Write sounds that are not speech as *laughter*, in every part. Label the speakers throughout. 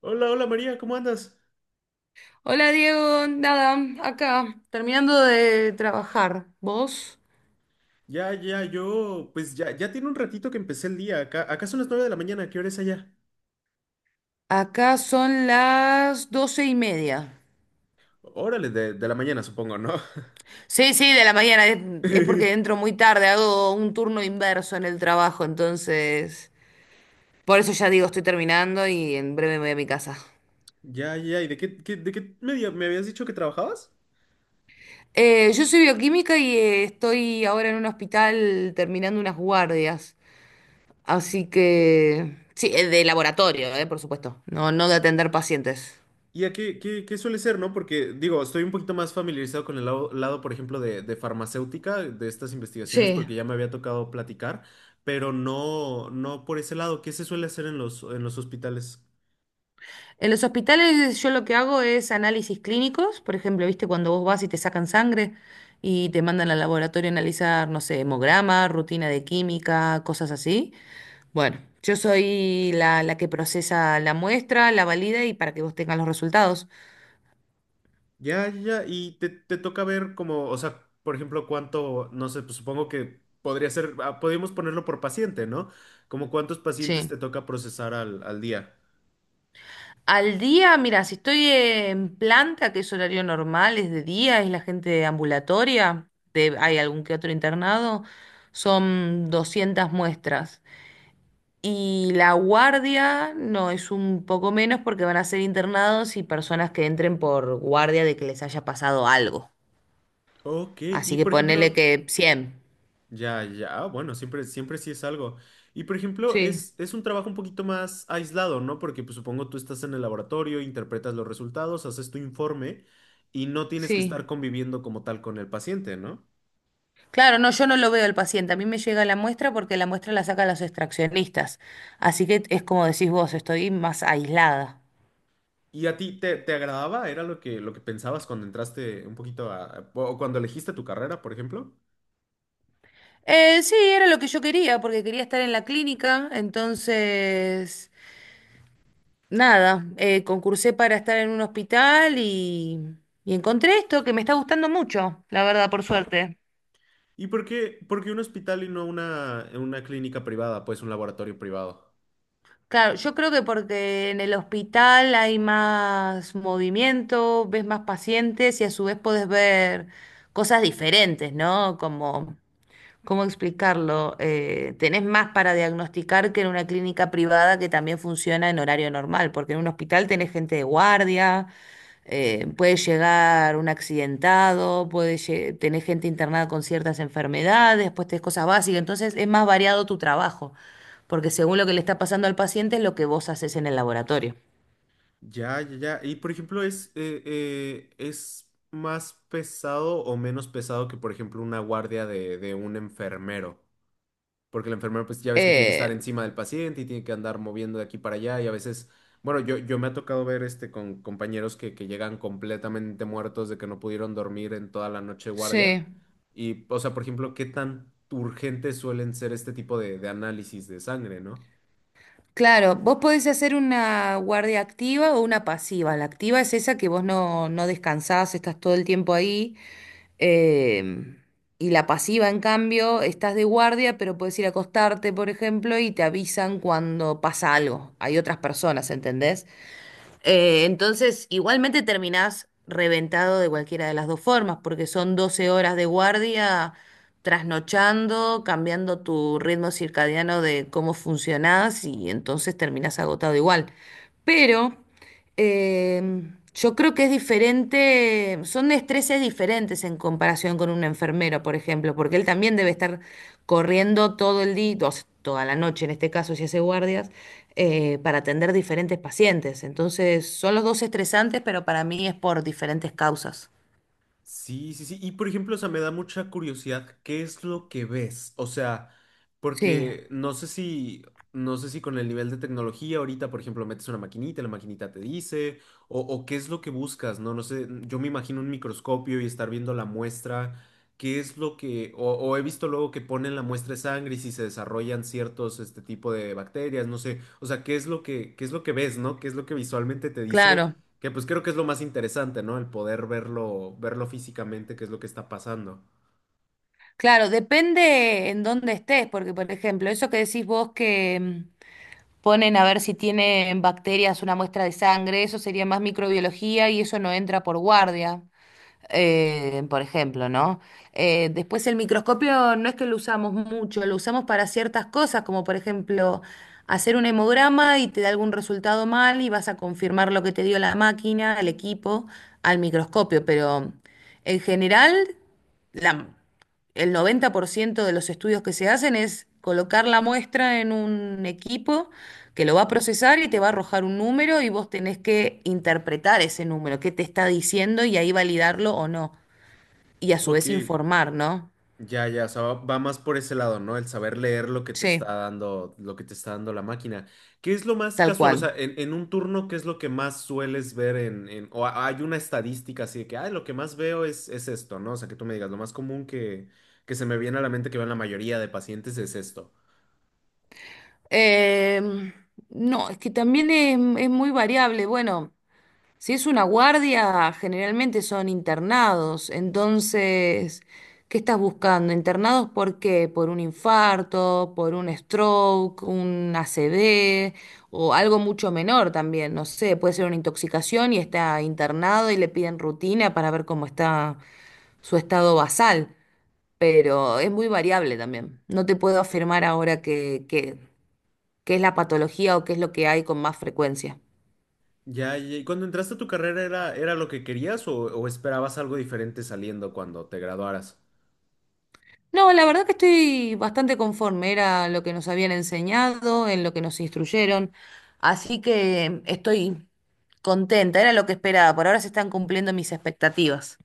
Speaker 1: Hola, hola María, ¿cómo andas?
Speaker 2: Hola Diego, nada, acá, terminando de trabajar. ¿Vos?
Speaker 1: Ya, yo, pues ya tiene un ratito que empecé el día. Acá son las 9 de la mañana, ¿qué hora es allá?
Speaker 2: Acá son las 12:30.
Speaker 1: Órale, de la mañana, supongo, ¿no?
Speaker 2: Sí, sí, de la mañana. Es porque
Speaker 1: *laughs*
Speaker 2: entro muy tarde, hago un turno inverso en el trabajo, entonces. Por eso ya digo, estoy terminando y en breve me voy a mi casa.
Speaker 1: Ya, ya, ¿y de qué media me habías dicho que trabajabas?
Speaker 2: Yo soy bioquímica y estoy ahora en un hospital terminando unas guardias. Así que. Sí, de laboratorio, por supuesto. No, no de atender pacientes.
Speaker 1: ¿Y a qué suele ser, no? Porque, digo, estoy un poquito más familiarizado con el lado, por ejemplo, de farmacéutica, de estas investigaciones,
Speaker 2: Sí.
Speaker 1: porque ya me había tocado platicar, pero no, no por ese lado. ¿Qué se suele hacer en los hospitales?
Speaker 2: En los hospitales yo lo que hago es análisis clínicos. Por ejemplo, viste, cuando vos vas y te sacan sangre y te mandan al laboratorio a analizar, no sé, hemograma, rutina de química, cosas así. Bueno, yo soy la que procesa la muestra, la valida y para que vos tengas los resultados.
Speaker 1: Ya, ya, ya. Y te toca ver como, o sea, por ejemplo, cuánto, no sé, pues supongo que podría ser, ah, podríamos ponerlo por paciente, ¿no? Como cuántos pacientes
Speaker 2: Sí.
Speaker 1: te toca procesar al día.
Speaker 2: Al día, mira, si estoy en planta, que es horario normal, es de día, es la gente ambulatoria, hay algún que otro internado, son 200 muestras. Y la guardia no, es un poco menos porque van a ser internados y personas que entren por guardia de que les haya pasado algo.
Speaker 1: Ok,
Speaker 2: Así
Speaker 1: y
Speaker 2: que
Speaker 1: por
Speaker 2: ponele
Speaker 1: ejemplo,
Speaker 2: que 100.
Speaker 1: ya, ya, ah, bueno, siempre, siempre sí es algo. Y por ejemplo,
Speaker 2: Sí,
Speaker 1: es un trabajo un poquito más aislado, ¿no? Porque pues supongo tú estás en el laboratorio, interpretas los resultados, haces tu informe y no tienes que estar
Speaker 2: sí.
Speaker 1: conviviendo como tal con el paciente, ¿no?
Speaker 2: Claro, no, yo no lo veo el paciente. A mí me llega la muestra porque la muestra la sacan los extraccionistas. Así que es como decís vos, estoy más aislada.
Speaker 1: ¿Y a ti te agradaba? ¿Era lo que pensabas cuando entraste un poquito o cuando elegiste tu carrera, por ejemplo?
Speaker 2: Sí, era lo que yo quería, porque quería estar en la clínica, entonces. Nada, concursé para estar en un hospital y encontré esto que me está gustando mucho, la verdad, por suerte.
Speaker 1: ¿Y por qué un hospital y no una clínica privada, pues un laboratorio privado?
Speaker 2: Claro, yo creo que porque en el hospital hay más movimiento, ves más pacientes y a su vez podés ver cosas diferentes, ¿no? Como, ¿cómo explicarlo? Tenés más para diagnosticar que en una clínica privada, que también funciona en horario normal, porque en un hospital tenés gente de guardia, puede llegar un accidentado, tenés gente internada con ciertas enfermedades, después tenés cosas básicas, entonces es más variado tu trabajo, porque según lo que le está pasando al paciente es lo que vos haces en el laboratorio.
Speaker 1: Ya, ya, ya. Y por ejemplo, es más pesado o menos pesado que, por ejemplo, una guardia de un enfermero? Porque el enfermero pues ya ves que tiene que estar
Speaker 2: Eh,
Speaker 1: encima del paciente y tiene que andar moviendo de aquí para allá y a veces, bueno, yo me ha tocado ver este con compañeros que llegan completamente muertos de que no pudieron dormir en toda la noche de guardia
Speaker 2: sí.
Speaker 1: y, o sea, por ejemplo, ¿qué tan urgentes suelen ser este tipo de análisis de sangre, ¿no?
Speaker 2: Claro, vos podés hacer una guardia activa o una pasiva. La activa es esa que vos no, no descansás, estás todo el tiempo ahí. em, y la pasiva, en cambio, estás de guardia, pero podés ir a acostarte, por ejemplo, y te avisan cuando pasa algo. Hay otras personas, ¿entendés? Entonces, igualmente terminás reventado de cualquiera de las dos formas, porque son 12 horas de guardia, trasnochando, cambiando tu ritmo circadiano de cómo funcionás, y entonces terminás agotado igual. Pero eh, yo creo que es diferente, son estreses diferentes en comparación con un enfermero, por ejemplo, porque él también debe estar corriendo todo el día, o sea, toda la noche en este caso, si hace guardias para atender diferentes pacientes. Entonces, son los dos estresantes, pero para mí es por diferentes causas.
Speaker 1: Sí, sí, sí. Y por ejemplo, o sea, me da mucha curiosidad, ¿qué es lo que ves? O sea,
Speaker 2: Sí,
Speaker 1: porque no sé si, no sé si con el nivel de tecnología ahorita, por ejemplo, metes una maquinita, y la maquinita te dice, o qué es lo que buscas, ¿no? No sé, yo me imagino un microscopio y estar viendo la muestra, ¿qué es lo que, o he visto luego que ponen la muestra de sangre y si se desarrollan ciertos, este tipo de bacterias, no sé, o sea, ¿qué es lo que, qué es lo que ves, ¿no? ¿Qué es lo que visualmente te dice?
Speaker 2: claro,
Speaker 1: Que pues creo que es lo más interesante, ¿no? El poder verlo, verlo físicamente, qué es lo que está pasando.
Speaker 2: claro, depende en dónde estés, porque por ejemplo, eso que decís vos que ponen a ver si tienen bacterias una muestra de sangre, eso sería más microbiología y eso no entra por guardia. Por ejemplo, ¿no? Después el microscopio no es que lo usamos mucho, lo usamos para ciertas cosas, como por ejemplo hacer un hemograma y te da algún resultado mal y vas a confirmar lo que te dio la máquina, el equipo, al microscopio, pero en general la- el 90% de los estudios que se hacen es colocar la muestra en un equipo que lo va a procesar y te va a arrojar un número, y vos tenés que interpretar ese número, qué te está diciendo y ahí validarlo o no. Y a su
Speaker 1: Ok,
Speaker 2: vez informar, ¿no?
Speaker 1: ya, ya, o sea, va más por ese lado, ¿no? El saber leer lo que te está
Speaker 2: Sí,
Speaker 1: dando, lo que te está dando la máquina. ¿Qué es lo más
Speaker 2: tal
Speaker 1: casual? O sea,
Speaker 2: cual.
Speaker 1: en un turno, ¿qué es lo que más sueles ver o ha- hay una estadística así de que, ay, lo que más veo es esto, ¿no? O sea, que tú me digas, lo más común que se me viene a la mente que vean la mayoría de pacientes es esto.
Speaker 2: Em, no, es que también es muy variable. Bueno. Si es una guardia, generalmente son internados. Entonces, ¿qué estás buscando? ¿Internados por qué? ¿Por un infarto, por un stroke, un ACV o algo mucho menor también? No sé, puede ser una intoxicación y está internado y le piden rutina para ver cómo está su estado basal. Pero es muy variable también. No te puedo afirmar ahora qué qué es la patología o qué es lo que hay con más frecuencia.
Speaker 1: Ya, ya, ¿y cuando entraste a tu carrera era, era lo que querías o esperabas algo diferente saliendo cuando te graduaras?
Speaker 2: No, la verdad que estoy bastante conforme, era lo que nos habían enseñado, en lo que nos instruyeron, así que estoy contenta, era lo que esperaba, por ahora se están cumpliendo mis expectativas.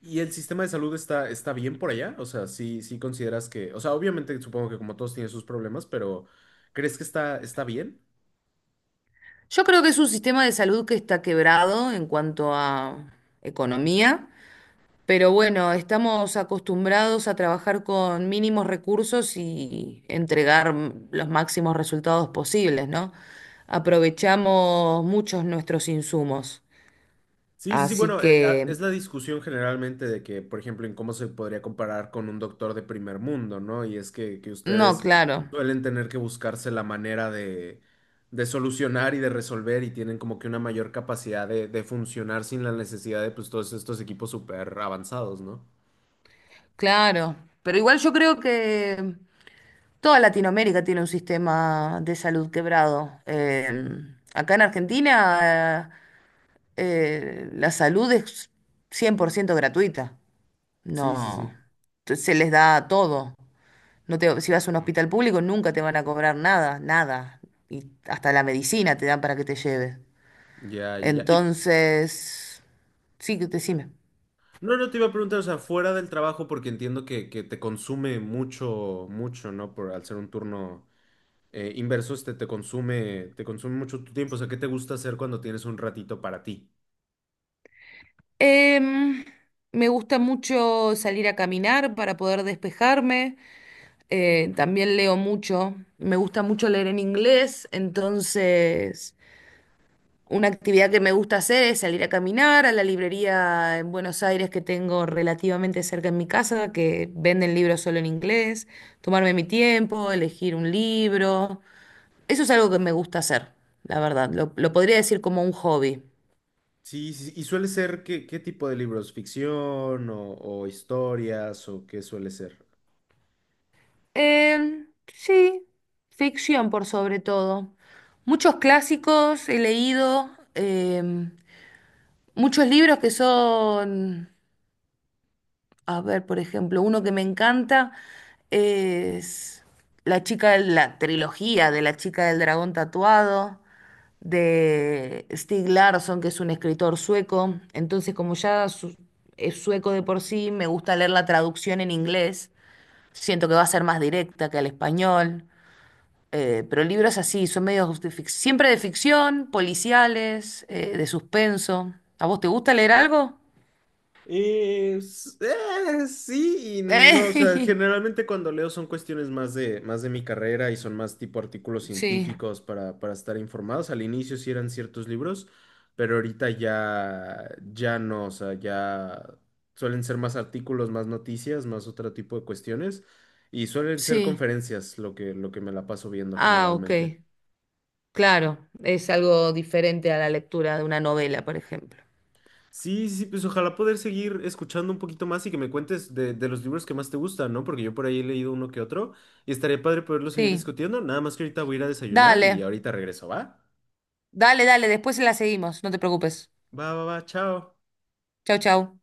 Speaker 1: ¿Y el sistema de salud está, está bien por allá? O sea, sí, sí consideras que, o sea, obviamente supongo que como todos tienen sus problemas, pero ¿crees que está, está bien?
Speaker 2: Yo creo que es un sistema de salud que está quebrado en cuanto a economía, pero bueno, estamos acostumbrados a trabajar con mínimos recursos y entregar los máximos resultados posibles, ¿no? Aprovechamos muchos nuestros insumos.
Speaker 1: Sí, sí, sí,
Speaker 2: Así
Speaker 1: bueno,
Speaker 2: que.
Speaker 1: es la discusión generalmente de que, por ejemplo, en cómo se podría comparar con un doctor de primer mundo, ¿no? Y es que
Speaker 2: No,
Speaker 1: ustedes
Speaker 2: claro,
Speaker 1: suelen tener que buscarse la manera de solucionar y de resolver y tienen como que una mayor capacidad de funcionar sin la necesidad de pues todos estos equipos súper avanzados, ¿no?
Speaker 2: claro. Pero igual yo creo que toda Latinoamérica tiene un sistema de salud quebrado. Acá en Argentina, la salud es 100% gratuita.
Speaker 1: Sí, sí, sí.
Speaker 2: No, se les da todo. Si vas a un hospital público, nunca te van a cobrar nada, nada. Y hasta la medicina te dan para que te lleves.
Speaker 1: Ya, ya, ya. Y
Speaker 2: Entonces, sí, decime.
Speaker 1: no, no te iba a preguntar, o sea, fuera del trabajo, porque entiendo que te consume mucho, ¿no? Por al ser un turno. Inversos te consume, te consume mucho tu tiempo. O sea, ¿qué te gusta hacer cuando tienes un ratito para ti?
Speaker 2: Em, Me gusta mucho salir a caminar para poder despejarme. También leo mucho. Me gusta mucho leer en inglés. Entonces, una actividad que me gusta hacer es salir a caminar a la librería en Buenos Aires, que tengo relativamente cerca en mi casa, que venden libros solo en inglés. Tomarme mi tiempo, elegir un libro. Eso es algo que me gusta hacer, la verdad. Lo podría decir como un hobby.
Speaker 1: Sí, sí, y suele ser qué tipo de libros, ficción o historias o qué suele ser.
Speaker 2: Sí, ficción por sobre todo. Muchos clásicos he leído, em, muchos libros que son, a ver, por ejemplo, uno que me encanta es La chica de la trilogía de La chica del dragón tatuado, de Stig Larsson, que es un escritor sueco. Entonces, como es sueco de por sí, me gusta leer la traducción en inglés. Siento que va a ser más directa que al español. Pero libros así, son siempre de ficción, policiales, de suspenso. ¿A vos te gusta leer algo?
Speaker 1: Sí y no, o sea,
Speaker 2: Eh,
Speaker 1: generalmente cuando leo son cuestiones más de mi carrera y son más tipo artículos
Speaker 2: *laughs* Sí,
Speaker 1: científicos para estar informados. Al inicio sí eran ciertos libros, pero ahorita ya no, o sea, ya suelen ser más artículos, más noticias, más otro tipo de cuestiones y suelen ser
Speaker 2: sí.
Speaker 1: conferencias lo que me la paso viendo
Speaker 2: Ah, ok.
Speaker 1: generalmente.
Speaker 2: Claro, es algo diferente a la lectura de una novela, por ejemplo.
Speaker 1: Sí, sí, sí, pues ojalá poder seguir escuchando un poquito más y que me cuentes de los libros que más te gustan, ¿no? Porque yo por ahí he leído uno que otro y estaría padre poderlo seguir
Speaker 2: Sí,
Speaker 1: discutiendo. Nada más que ahorita voy a ir a desayunar
Speaker 2: dale,
Speaker 1: y ahorita regreso, ¿va?
Speaker 2: dale, dale, después la seguimos, no te preocupes.
Speaker 1: Va, va, va, chao.
Speaker 2: Chau, chau.